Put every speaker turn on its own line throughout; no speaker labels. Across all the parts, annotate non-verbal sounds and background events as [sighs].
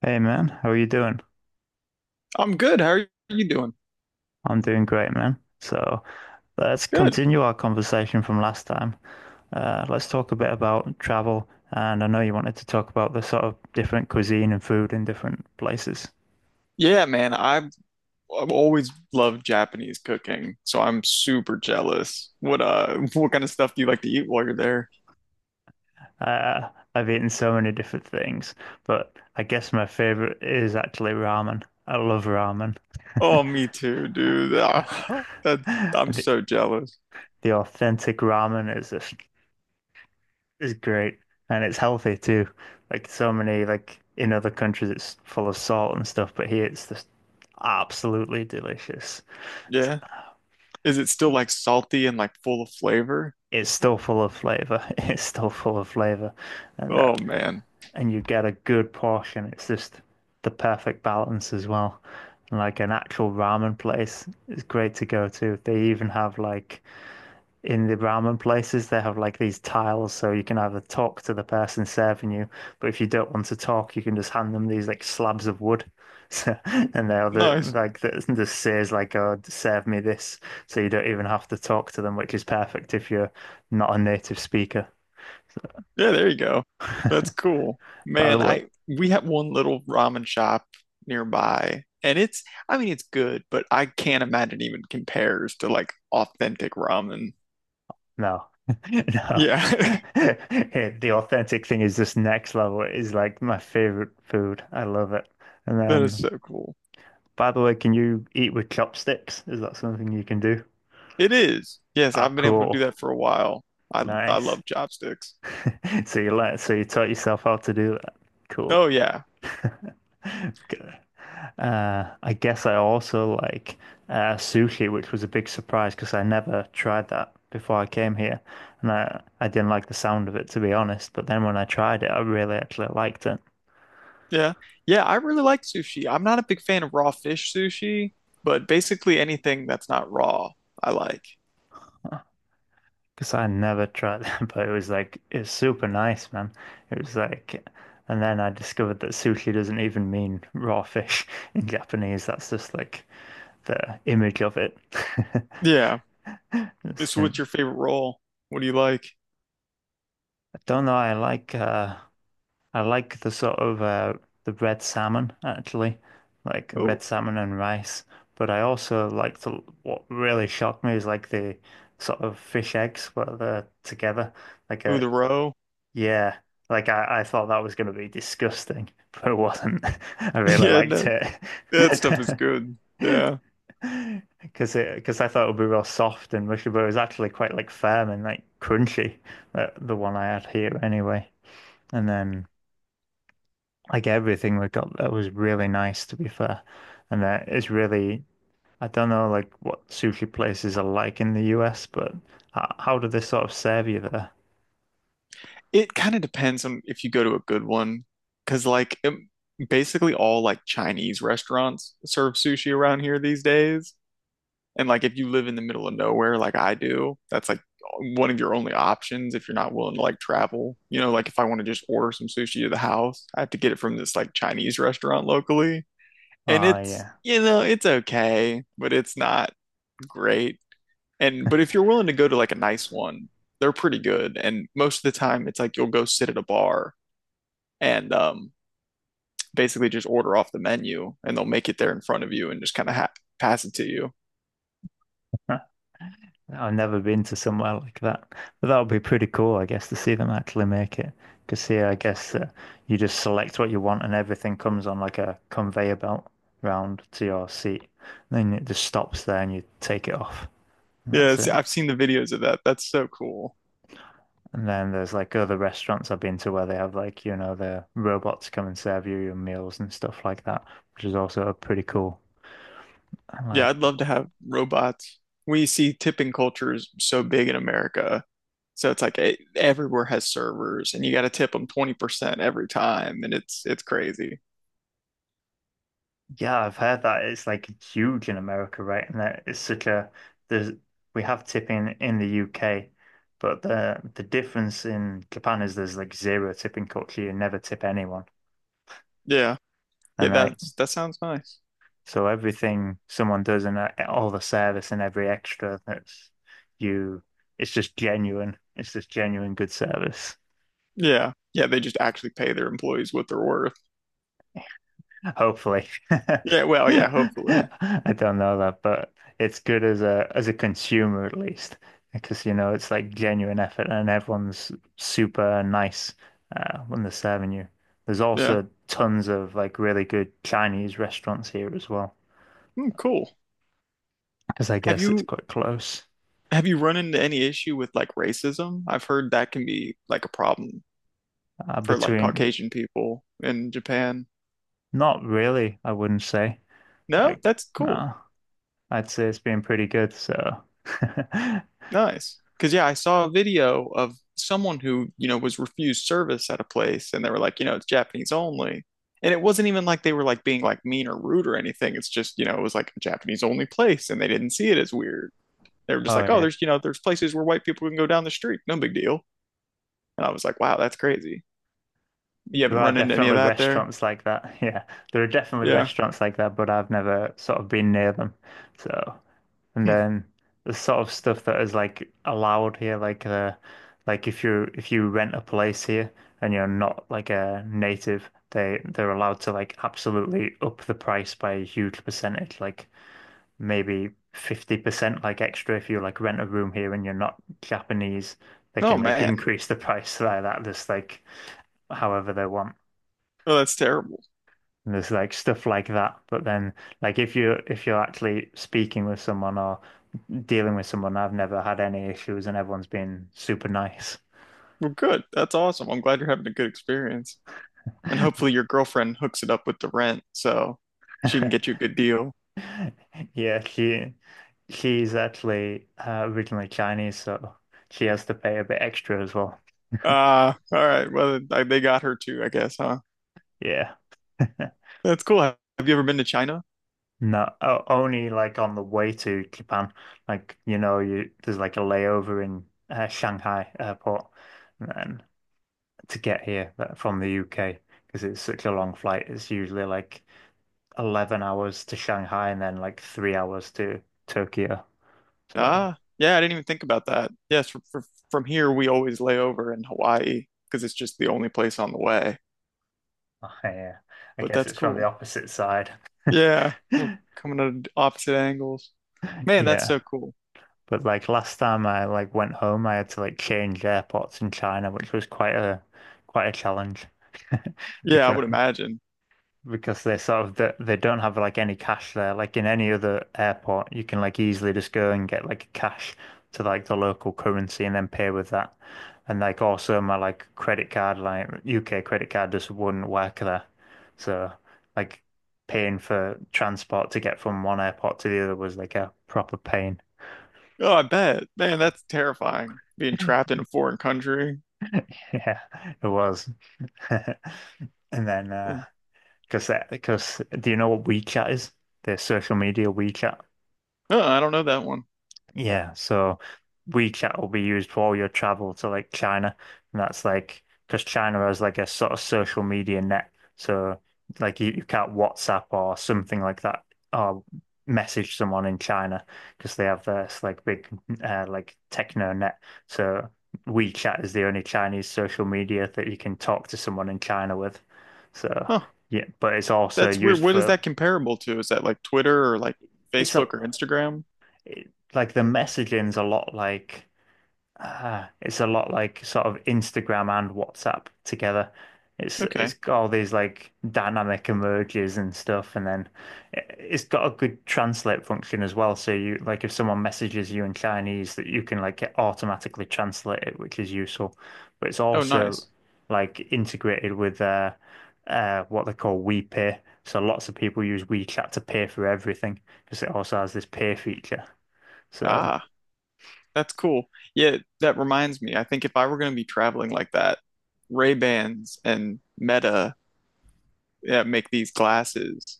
Hey man, how are you doing?
I'm good. How are you doing?
I'm doing great, man. So let's
Good.
continue our conversation from last time. Let's talk a bit about travel, and I know you wanted to talk about the sort of different cuisine and food in different places.
Yeah, man. I've always loved Japanese cooking, so I'm super jealous. What [laughs] what kind of stuff do you like to eat while you're there?
Uh, I've eaten so many different things, but I guess my favorite is actually ramen. I love ramen. [laughs]
Oh, me too, dude. Ah, [laughs] that I'm
The,
so jealous.
the authentic ramen is just it's great and it's healthy too. Like so many like in other countries it's full of salt and stuff, but here it's just absolutely delicious. It's,
Yeah. Is it still like salty and like full of flavor?
it's still full of flavor. [laughs] It's still full of flavor and
Oh
that
man.
and you get a good portion. It's just the perfect balance as well. And like an actual ramen place is great to go to. They even have like in the ramen places, they have like these tiles, so you can either talk to the person serving you, but if you don't want to talk, you can just hand them these like slabs of wood. [laughs] So, and
Nice.
like that just says like, "Oh, serve me this," so you don't even have to talk to them, which is perfect if you're not a native speaker.
Yeah, there you go. That's cool.
By the
Man,
way,
I we have one little ramen shop nearby and it's, I mean, it's good, but I can't imagine even compares to like authentic ramen.
no. [laughs] No,
Yeah.
[laughs]
[laughs]
the authentic thing is just next level. It is like my favorite food. I love it. And
That is
then,
so cool.
by the way, can you eat with chopsticks? Is that something you can do?
It is. Yes,
Ah,
I've been able to do
cool.
that for a while. I
Nice.
love chopsticks.
[laughs] So you learned, so you taught yourself how to do that. Cool.
Oh yeah.
[laughs] Good. I guess I also like sushi, which was a big surprise because I never tried that before I came here, and I didn't like the sound of it to be honest. But then when I tried it, I really actually liked it
Yeah. Yeah, I really like sushi. I'm not a big fan of raw fish sushi, but basically anything that's not raw, I like.
because I never tried it, [laughs] but it was like it was super nice, man. It was like. And then I discovered that sushi doesn't even mean raw fish [laughs] in Japanese. That's just like the image of it.
Yeah.
[laughs]
So what's
Listen,
your favorite roll? What do you like?
I don't know. I like the sort of the red salmon actually, like red salmon and rice. But I also like the what really shocked me is like the sort of fish eggs where they're together. Like
Ooh, the
a
row. [laughs]
yeah, like I thought that was gonna be disgusting, [laughs] but it wasn't. [laughs] I really
Yeah,
liked
no,
it.
that stuff is good. Yeah.
[laughs] Because I thought it would be real soft and mushy, but it was actually quite like firm and like crunchy, the one I had here anyway. And then like everything we got that was really nice to be fair. And it's really, I don't know like what sushi places are like in the US, but how do they sort of serve you there?
It kind of depends on if you go to a good one, because basically all like Chinese restaurants serve sushi around here these days. And like if you live in the middle of nowhere like I do, that's like one of your only options if you're not willing to like travel. You know, like if I want to just order some sushi to the house, I have to get it from this like Chinese restaurant locally. And
Oh
it's,
yeah.
you know, it's okay, but it's not great. And but if you're willing to go to like a nice one, they're pretty good. And most of the time, it's like you'll go sit at a bar and basically just order off the menu, and they'll make it there in front of you and just kind of ha pass it to you.
I've never been to somewhere like that, but that would be pretty cool, I guess, to see them actually make it. Because here, I guess you just select what you want, and everything comes on like a conveyor belt round to your seat. Then it just stops there, and you take it off, and that's it.
I've seen the videos of that. That's so cool.
And then there's like other restaurants I've been to where they have like you know the robots come and serve you your meals and stuff like that, which is also pretty cool. And
Yeah, I'd
like
love to have robots. We see tipping culture is so big in America. So it's like everywhere has servers and you got to tip them 20% every time and it's crazy.
yeah, I've heard that it's like huge in America, right? And that it's such a there's we have tipping in the UK, but the difference in Japan is there's like zero tipping culture. You never tip anyone,
Yeah. Yeah,
and like
that's that sounds nice.
so everything someone does and all the service and every extra that's you, it's just genuine. It's just genuine good service.
Yeah. Yeah, they just actually pay their employees what they're worth.
Hopefully. [laughs] I
Yeah, well, yeah, hopefully.
don't know that, but it's good as a consumer at least, because you know it's like genuine effort and everyone's super nice when they're serving you. There's
Yeah.
also tons of like really good Chinese restaurants here as well,
Hmm, cool.
because I
Have
guess it's
you
quite close
have you run into any issue with like racism? I've heard that can be like a problem for like
between.
Caucasian people in Japan.
Not really, I wouldn't say.
No,
Like,
that's cool.
no, I'd say it's been pretty good. So, [laughs] oh
Nice. Cause yeah, I saw a video of someone who, you know, was refused service at a place and they were like, you know, it's Japanese only. And it wasn't even like they were like being like mean or rude or anything. It's just, you know, it was like a Japanese only place and they didn't see it as weird. They were just like, oh,
yeah.
there's, you know, there's places where white people can go down the street. No big deal. And I was like, wow, that's crazy. You
There
haven't
are
run into any of
definitely
that there?
restaurants like that. [laughs] Yeah, there are definitely
Yeah.
restaurants like that, but I've never sort of been near them. So, and
Hmm.
then the sort of stuff that is like allowed here, like if you rent a place here and you're not like a native, they're allowed to like absolutely up the price by a huge percentage, like maybe 50% like extra if you like rent a room here and you're not Japanese, they
Oh,
can like
man.
increase the [laughs] price like that, just like however they want.
Oh, that's terrible.
And there's like stuff like that. But then like if you're actually speaking with someone or dealing with someone, I've never had any issues and everyone's been super nice.
Well, good. That's awesome. I'm glad you're having a good experience. And hopefully your girlfriend hooks it up with the rent so she can get you
[laughs]
a good deal.
Yeah, she's actually originally Chinese, so she has to pay a bit extra as well.
All right. Well, I, they got her too, I guess, huh?
Yeah. [laughs]
That's cool. Have you ever been to China?
No, only like on the way to Japan. Like, you know, you there's like a layover in Shanghai airport, and to get here from the UK because it's such a long flight. It's usually like 11 hours to Shanghai and then like 3 hours to Tokyo. So
Ah, yeah, I didn't even think about that. Yes, from here we always lay over in Hawaii because it's just the only place on the way.
[laughs] yeah, I
But
guess
that's
it's from the
cool.
opposite side.
Yeah, we're
[laughs]
coming at opposite angles. Man, that's
Yeah.
so cool.
But like last time I like went home, I had to like change airports in China, which was quite a challenge [laughs]
Yeah, I
because
would imagine.
they sort of they don't have like any cash there. Like in any other airport, you can like easily just go and get like cash to like the local currency and then pay with that. And like also my like credit card, like UK credit card just wouldn't work there. So like paying for transport to get from one airport to the other was like a proper pain.
Oh, I bet. Man, that's terrifying. Being trapped
[laughs]
in a foreign country.
Yeah, it was. [laughs] And then
Oh,
because do you know what WeChat is? The social media WeChat.
I don't know that one.
Yeah, so WeChat will be used for all your travel to like China, and that's like because China has like a sort of social media net, so like you can't WhatsApp or something like that or message someone in China because they have this like big like techno net. So WeChat is the only Chinese social media that you can talk to someone in China with. So
Huh.
yeah, but it's also
That's weird.
used
What is
for
that comparable to? Is that like Twitter or like
it's a
Facebook or Instagram?
it, like the messaging's a lot like. Ah, it's a lot like sort of Instagram and WhatsApp together. It's
Okay.
got all these like dynamic emojis and stuff, and then it's got a good translate function as well. So you like if someone messages you in Chinese, that you can like automatically translate it, which is useful. But it's
Oh,
also
nice.
like integrated with what they call WePay. So lots of people use WeChat to pay for everything because it also has this pay feature. So.
Ah, that's cool. Yeah, that reminds me. I think if I were going to be traveling like that, Ray-Bans and Meta, yeah, make these glasses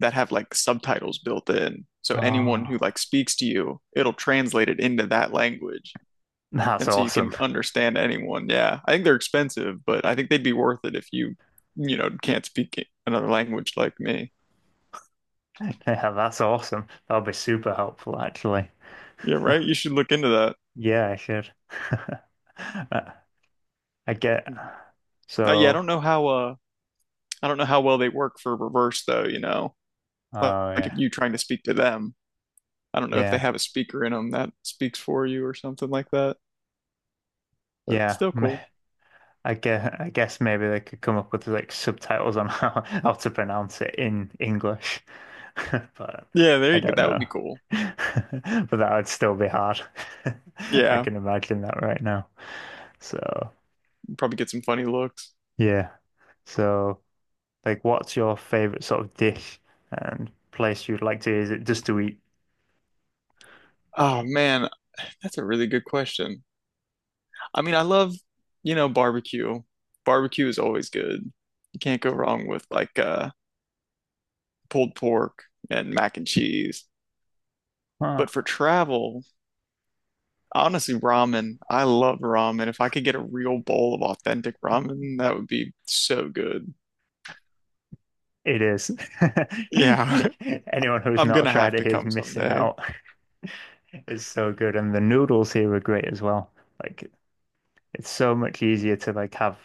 that have like subtitles built in. So anyone who
Ah,
like speaks to you, it'll translate it into that language.
[laughs] that's
And so you
awesome.
can understand anyone. Yeah. I think they're expensive, but I think they'd be worth it if you, you know, can't speak another language like me.
Yeah, that's awesome. That'll be super helpful, actually.
Yeah, right. You
[laughs]
should look into that.
Yeah, I should. [laughs] I I get
Uh, yeah, I
so.
don't know how uh I don't know how well they work for reverse though, you know. Like,
Oh
like if
yeah,
you trying to speak to them, I don't know if they
yeah,
have a speaker in them that speaks for you or something like that, but
yeah.
still
m-
cool.
I guess maybe they could come up with like subtitles on [laughs] how to pronounce it in English, [laughs] but
Yeah, there
I
you go.
don't
That would be
know.
cool.
[laughs] But that would still be hard. [laughs] I
Yeah,
can imagine that right now. So
probably get some funny looks.
yeah, so. Like, what's your favorite sort of dish and place you'd like to visit just to eat?
Oh man, that's a really good question. I mean, I love, you know, barbecue. Barbecue is always good. You can't go wrong with like pulled pork and mac and cheese.
Huh.
But for travel, honestly, ramen. I love ramen. If I could get a real bowl of authentic ramen, that would be so good.
It is.
Yeah, [laughs]
[laughs] Anyone who's
I'm
not
gonna
tried
have to
it is
come
missing
someday.
out. It's so good, and the noodles here are great as well. Like, it's so much easier to like have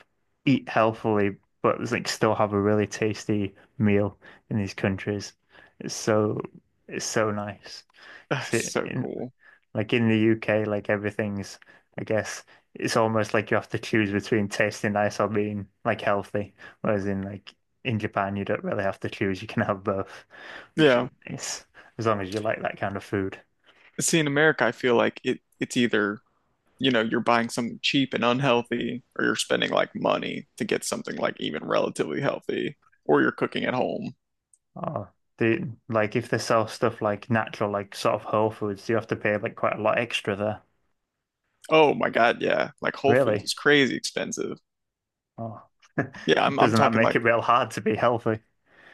eat healthily, but like still have a really tasty meal in these countries. It's so it's so nice.
[sighs] That's
See,
so cool.
like in the UK, like everything's, I guess, it's almost like you have to choose between tasting nice or being like healthy. Whereas in like in Japan, you don't really have to choose. You can have both, which
Yeah.
is nice, as long as you like that kind of food.
See, in America, I feel like it's either, you know, you're buying something cheap and unhealthy, or you're spending like money to get something like even relatively healthy, or you're cooking at home.
Oh, do like if they sell stuff like natural, like sort of whole foods, you have to pay like quite a lot extra there.
Oh my God, yeah. Like Whole Foods
Really?
is crazy expensive.
Oh, [laughs]
Yeah, I'm
doesn't that
talking
make
like
it real hard to be healthy?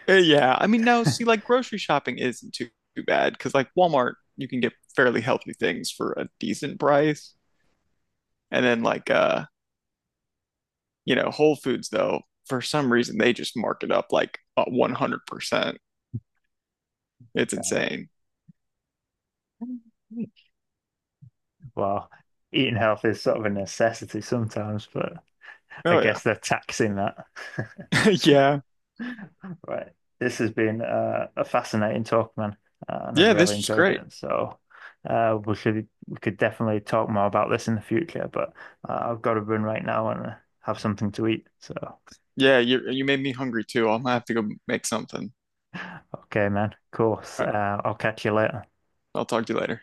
yeah. I mean, no, see, like grocery shopping isn't too bad because like Walmart, you can get fairly healthy things for a decent price. And then like you know, Whole Foods though, for some reason they just mark it up like 100%. It's insane.
Well, eating healthy is sort of a necessity sometimes, but. I
Oh yeah.
guess they're taxing that. [laughs]
[laughs] Yeah.
Right. This has been a fascinating talk, man, and I've
Yeah, this
really
was
enjoyed
great.
it. So we could definitely talk more about this in the future, but I've got to run right now and have something to eat. So
Yeah, you made me hungry too. I'm gonna have to go make something.
okay, man. Of course.
All right,
I'll catch you later.
I'll talk to you later.